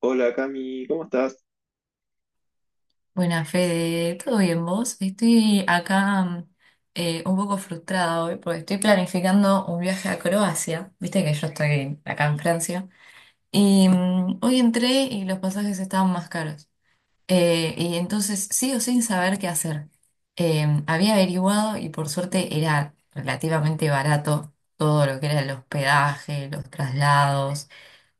Hola Cami, ¿cómo estás? Buena Fede, ¿todo bien vos? Estoy acá un poco frustrada hoy porque estoy planificando un viaje a Croacia. Viste que yo estoy acá en Francia. Y hoy entré y los pasajes estaban más caros. Y entonces sigo sin saber qué hacer. Había averiguado y por suerte era relativamente barato todo lo que era el hospedaje, los traslados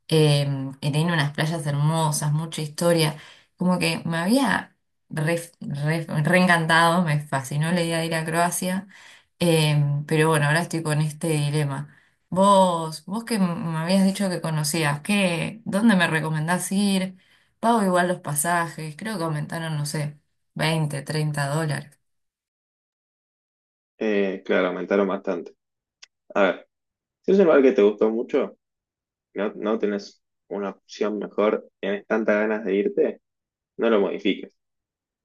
que tiene unas playas hermosas, mucha historia. Como que me había reencantado, me fascinó la idea de ir a Croacia, pero bueno, ahora estoy con este dilema. Vos que me habías dicho que conocías, ¿dónde me recomendás ir? Pago igual los pasajes, creo que aumentaron, no sé, 20, 30 dólares. Claro, aumentaron bastante. A ver, si es un lugar que te gustó mucho, no tenés una opción mejor, tienes tantas ganas de irte, no lo modifiques.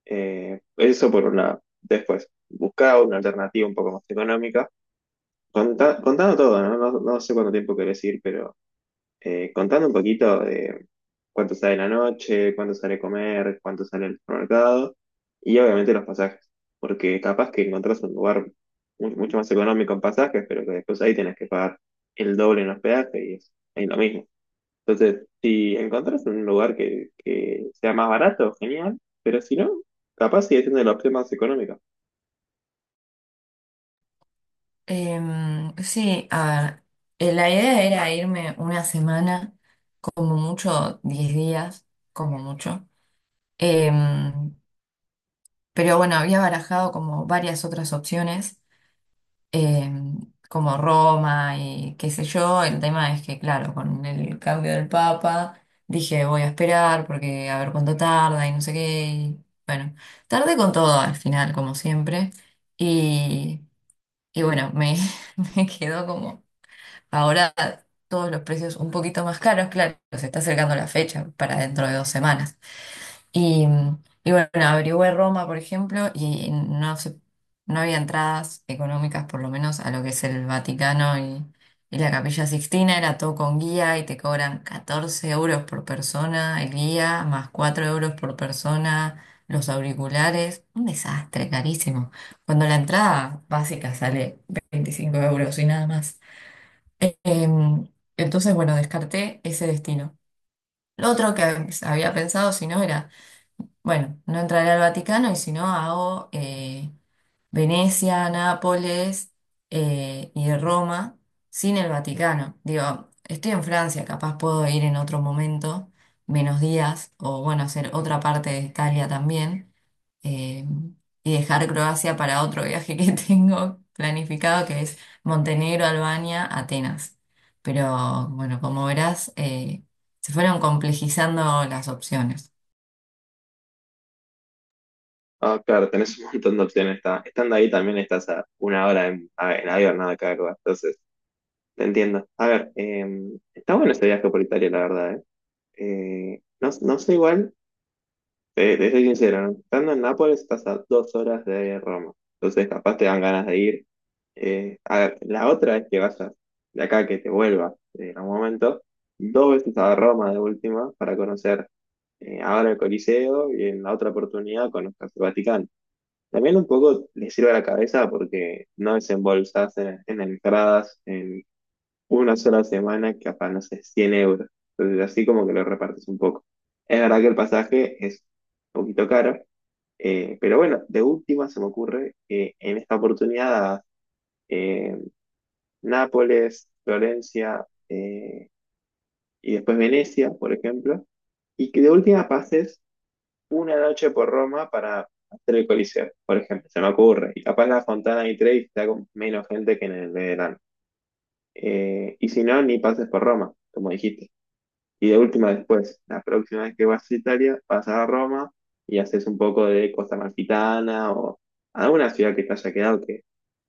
Eso por una. Después, busca una alternativa un poco más económica. Contando todo, ¿no? No, no sé cuánto tiempo querés ir, pero contando un poquito de cuánto sale la noche, cuánto sale comer, cuánto sale el supermercado y obviamente los pasajes, porque capaz que encontrás un lugar mucho más económico en pasajes, pero que después ahí tenés que pagar el doble en hospedaje y es, ahí lo mismo. Entonces, si encontrás un lugar que sea más barato, genial, pero si no, capaz sigue siendo la opción más económica. Sí, a ver, la idea era irme una semana, como mucho 10 días, como mucho. Em, pero bueno, había barajado como varias otras opciones, em, como Roma y qué sé yo. El tema es que, claro, con el cambio del Papa, dije voy a esperar porque a ver cuánto tarda y no sé qué. Y bueno, tardé con todo al final, como siempre. Y, y bueno, me, me quedó como... Ahora todos los precios un poquito más caros, claro, se está acercando la fecha para dentro de 2 semanas. Y, y bueno, averigüé Roma, por ejemplo, y no había entradas económicas, por lo menos, a lo que es el Vaticano y la Capilla Sixtina, era todo con guía y te cobran 14 euros por persona el guía, más 4 euros por persona los auriculares, un desastre, carísimo. Cuando la entrada básica sale 25 euros y nada más. Em, entonces, bueno, descarté ese destino. Lo otro que había pensado, si no, era, bueno, no entraré al Vaticano y si no, hago Venecia, Nápoles y Roma, sin el Vaticano. Digo, estoy en Francia, capaz puedo ir en otro momento, menos días, o bueno, hacer otra parte de Italia también, eh, y dejar Croacia para otro viaje que tengo planificado, que es Montenegro, Albania, Atenas. Pero bueno, como verás, se fueron complejizando las opciones. Ah, claro, tenés un montón de opciones. Estando ahí también estás a una hora en, en avión, nada, acá, entonces. Te entiendo. A ver, está bueno este viaje por Italia, la verdad, ¿eh? No, no sé igual, te soy sincero, ¿no? Estando en Nápoles estás a 2 horas de Roma, entonces capaz te dan ganas de ir. A ver, la otra es que vayas de acá, que te vuelvas en algún momento, dos veces a Roma de última para conocer ahora el Coliseo y en la otra oportunidad conozcas el Vaticano. También un poco le sirve a la cabeza porque no desembolsas en entradas, en una sola semana, que capaz, no sé, 100 euros. Entonces, así como que lo repartes un poco. Es verdad que el pasaje es un poquito caro, pero bueno, de última se me ocurre que en esta oportunidad, eh, Nápoles, Florencia, y después Venecia, por ejemplo, y que de última pases una noche por Roma para hacer el Coliseo, por ejemplo, se me ocurre. Y capaz la Fontana di Trevi está con menos gente que en el de verano. Y si no, ni pases por Roma, como dijiste. Y de última, después, la próxima vez que vas a Italia, vas a Roma y haces un poco de Costa Amalfitana o alguna ciudad que te haya quedado, que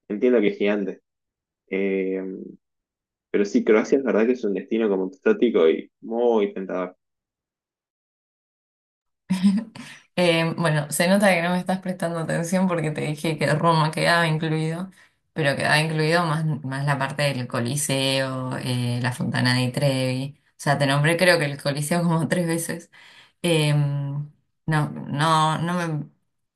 entiendo que es gigante. Eh, pero sí, Croacia es verdad que es un destino como exótico y muy tentador. Bueno, se nota que no me estás prestando atención porque te dije que Roma quedaba incluido, pero quedaba incluido más, más la parte del Coliseo, la Fontana di Trevi. O sea, te nombré creo que el Coliseo como tres veces. Eh, no, no, no me,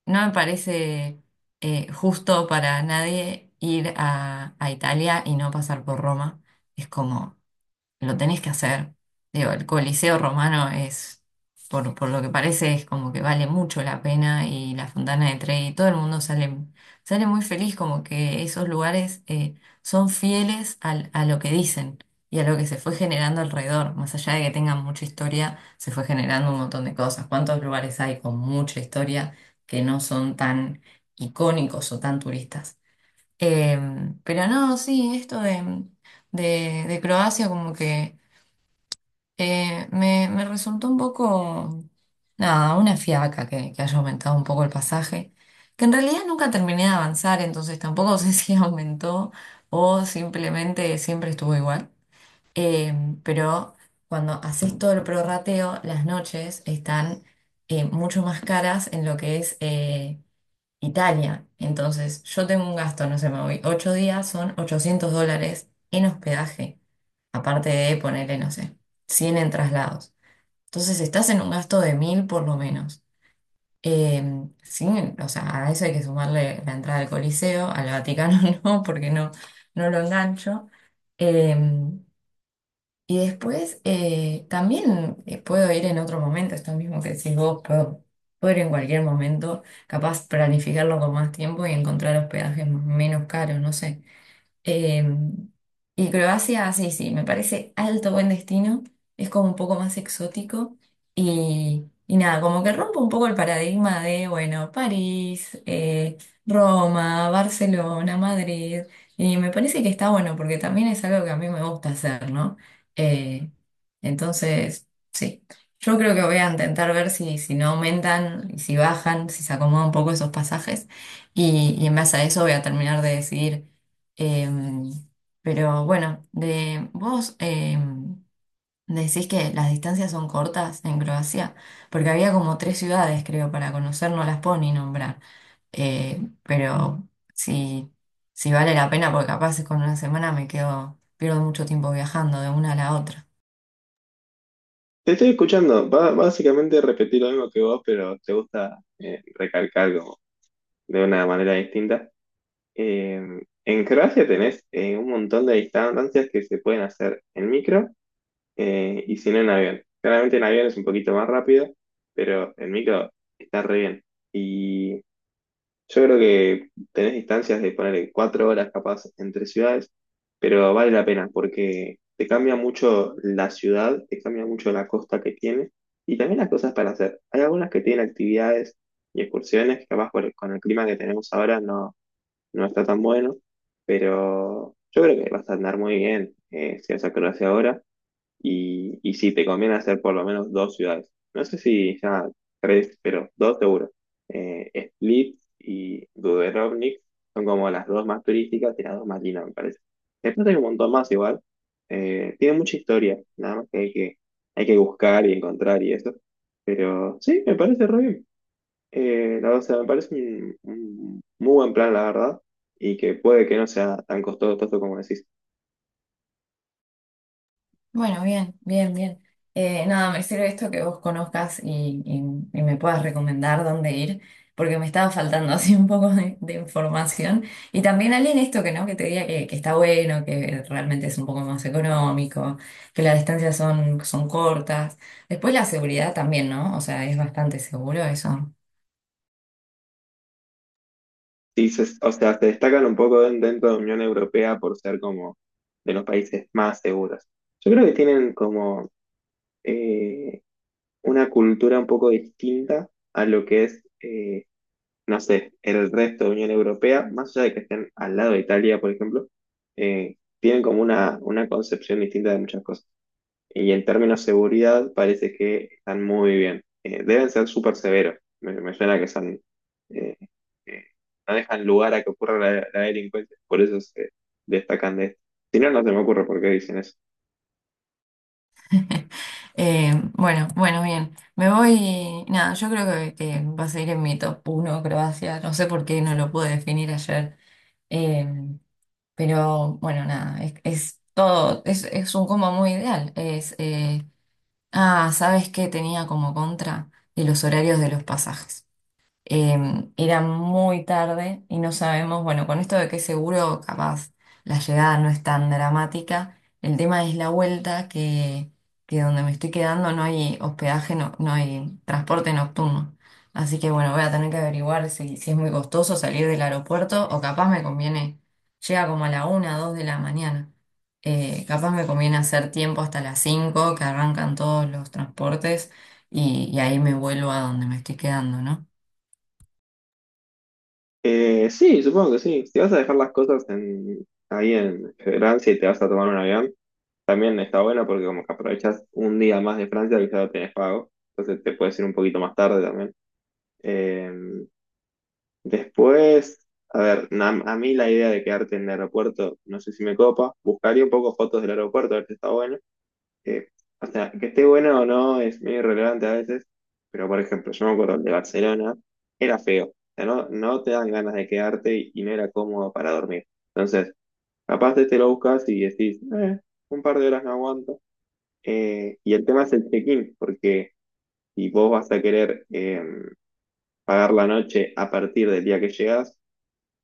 no me parece justo para nadie ir a Italia y no pasar por Roma. Es como lo tenés que hacer. Digo, el Coliseo Romano es, por lo que parece, es como que vale mucho la pena y la Fontana de Trevi, todo el mundo sale muy feliz, como que esos lugares son fieles a lo que dicen y a lo que se fue generando alrededor. Más allá de que tengan mucha historia, se fue generando un montón de cosas. ¿Cuántos lugares hay con mucha historia que no son tan icónicos o tan turistas? Pero no, sí, esto de Croacia como que... Me resultó un poco, nada, una fiaca que haya aumentado un poco el pasaje, que en realidad nunca terminé de avanzar, entonces tampoco sé si aumentó o simplemente siempre estuvo igual. Eh, pero cuando haces todo el prorrateo, las noches están mucho más caras en lo que es Italia. Entonces, yo tengo un gasto, no sé, me voy 8 días, son 800 dólares en hospedaje, aparte de ponerle, no sé, 100 en traslados. Entonces, estás en un gasto de 1000 por lo menos. Eh, sí, o sea, a eso hay que sumarle la entrada al Coliseo, al Vaticano no, porque no, no lo engancho. Eh, y después también puedo ir en otro momento, esto mismo que decís vos, puedo ir en cualquier momento, capaz planificarlo con más tiempo y encontrar hospedajes menos caros, no sé. Eh, y Croacia, sí, sí, me parece alto buen destino, es como un poco más exótico y nada, como que rompe un poco el paradigma de, bueno, París, Roma, Barcelona, Madrid, y me parece que está bueno porque también es algo que a mí me gusta hacer, ¿no? Eh, entonces, sí, yo creo que voy a intentar ver si no aumentan, y si bajan, si se acomodan un poco esos pasajes y en base a eso voy a terminar de decidir. Em, pero bueno, vos decís que las distancias son cortas en Croacia, porque había como tres ciudades, creo, para conocer, no las puedo ni nombrar. Pero si, si vale la pena, porque capaz con una semana me quedo, pierdo mucho tiempo viajando de una a la otra. Te estoy escuchando, va, básicamente repetir lo mismo que vos, pero te gusta recalcar como de una manera distinta. Eh, en Croacia tenés un montón de distancias que se pueden hacer en micro, y si no en avión. Claramente en avión es un poquito más rápido, pero en micro está re bien. Y yo creo que tenés distancias de poner 4 horas capaz entre ciudades, pero vale la pena porque te cambia mucho la ciudad, te cambia mucho la costa que tiene y también las cosas para hacer. Hay algunas que tienen actividades y excursiones que capaz con el clima que tenemos ahora no, no está tan bueno, pero yo creo que vas a andar muy bien si vas a Croacia ahora. Y sí, te conviene hacer por lo menos dos ciudades. No sé si ya tres, pero dos seguro. Split y Dubrovnik son como las dos más turísticas y las dos más lindas, me parece. Después hay un montón más igual. Tiene mucha historia, nada más que hay que buscar y encontrar y eso. Pero sí, me parece re bien. O sea, me parece un muy buen plan, la verdad, y que puede que no sea tan costoso como decís. Bueno, bien, bien, bien. Nada, me sirve esto que vos conozcas y me puedas recomendar dónde ir, porque me estaba faltando así un poco de información. Y también alguien esto que no, que te diga que está bueno, que realmente es un poco más económico, que las distancias son cortas. Después la seguridad también, ¿no? O sea, es bastante seguro eso. Sí, o sea, se destacan un poco dentro de la Unión Europea por ser como de los países más seguros. Yo creo que tienen como eh, una cultura un poco distinta a lo que es, no sé, el resto de Unión Europea, más allá de que estén al lado de Italia, por ejemplo, tienen como una concepción distinta de muchas cosas. Y en términos de seguridad, parece que están muy bien. Deben ser súper severos. Me suena que son, eh, eh, no dejan lugar a que ocurra la delincuencia. Por eso se destacan de esto. Si no, no se me ocurre por qué dicen eso. Bueno, bueno, bien. Me voy, nada, yo creo que va a seguir en mi top uno Croacia. No sé por qué no lo pude definir ayer. Em, pero bueno, nada, es todo, es un combo muy ideal. Ah, ¿sabes qué tenía como contra? Y los horarios de los pasajes. Era muy tarde y no sabemos, bueno, con esto de que seguro capaz la llegada no es tan dramática, el tema es la vuelta que donde me estoy quedando no hay hospedaje, no, no hay transporte nocturno. Así que bueno, voy a tener que averiguar si es muy costoso salir del aeropuerto o capaz me conviene, llega como a la una, dos de la mañana. Capaz me conviene hacer tiempo hasta las 5 que arrancan todos los transportes y ahí me vuelvo a donde me estoy quedando, ¿no? Sí, supongo que sí. Si vas a dejar las cosas en, ahí en Francia y te vas a tomar un avión, también está bueno porque como que aprovechas un día más de Francia que ya lo tenés pago. Entonces te puedes ir un poquito más tarde también. Eh, Después, a ver, a mí la idea de quedarte en el aeropuerto, no sé si me copa, buscaría un poco fotos del aeropuerto, a ver si está bueno. Eh, o sea, que esté bueno o no es medio irrelevante a veces, pero por ejemplo, yo me acuerdo el de Barcelona, era feo, o sea, no, no te dan ganas de quedarte y no era cómodo para dormir. Entonces, capaz de te lo buscas y decís, Un par de horas no aguanto. Y el tema es el check-in, porque si vos vas a querer pagar la noche a partir del día que llegas,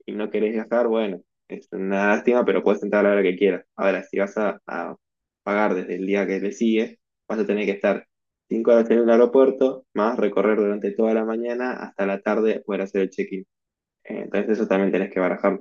y no querés viajar, bueno, es una lástima, pero puedes entrar a la hora que quieras. Ahora, si vas a pagar desde el día que le sigue, vas a tener que estar 5 horas en el aeropuerto, más recorrer durante toda la mañana hasta la tarde poder hacer el check-in. Entonces eso también tenés que barajar."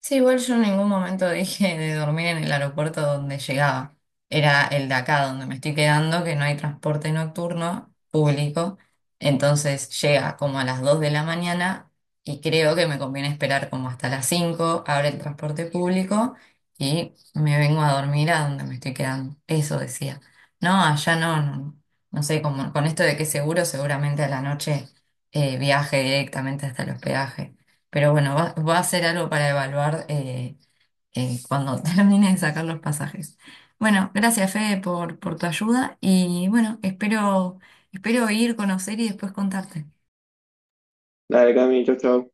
Sí, igual yo en ningún momento dije de dormir en el aeropuerto donde llegaba. Era el de acá donde me estoy quedando, que no hay transporte nocturno público. Entonces llega como a las 2 de la mañana y creo que me conviene esperar como hasta las cinco, abre el transporte público y me vengo a dormir a donde me estoy quedando. Eso decía. No, allá no, no sé, como con esto de que seguro, seguramente a la noche viaje directamente hasta el hospedaje. Pero bueno, va a ser algo para evaluar cuando termine de sacar los pasajes. Bueno, gracias Fede por tu ayuda y bueno, espero ir, conocer y después contarte. Dale, Cami, chau, chau.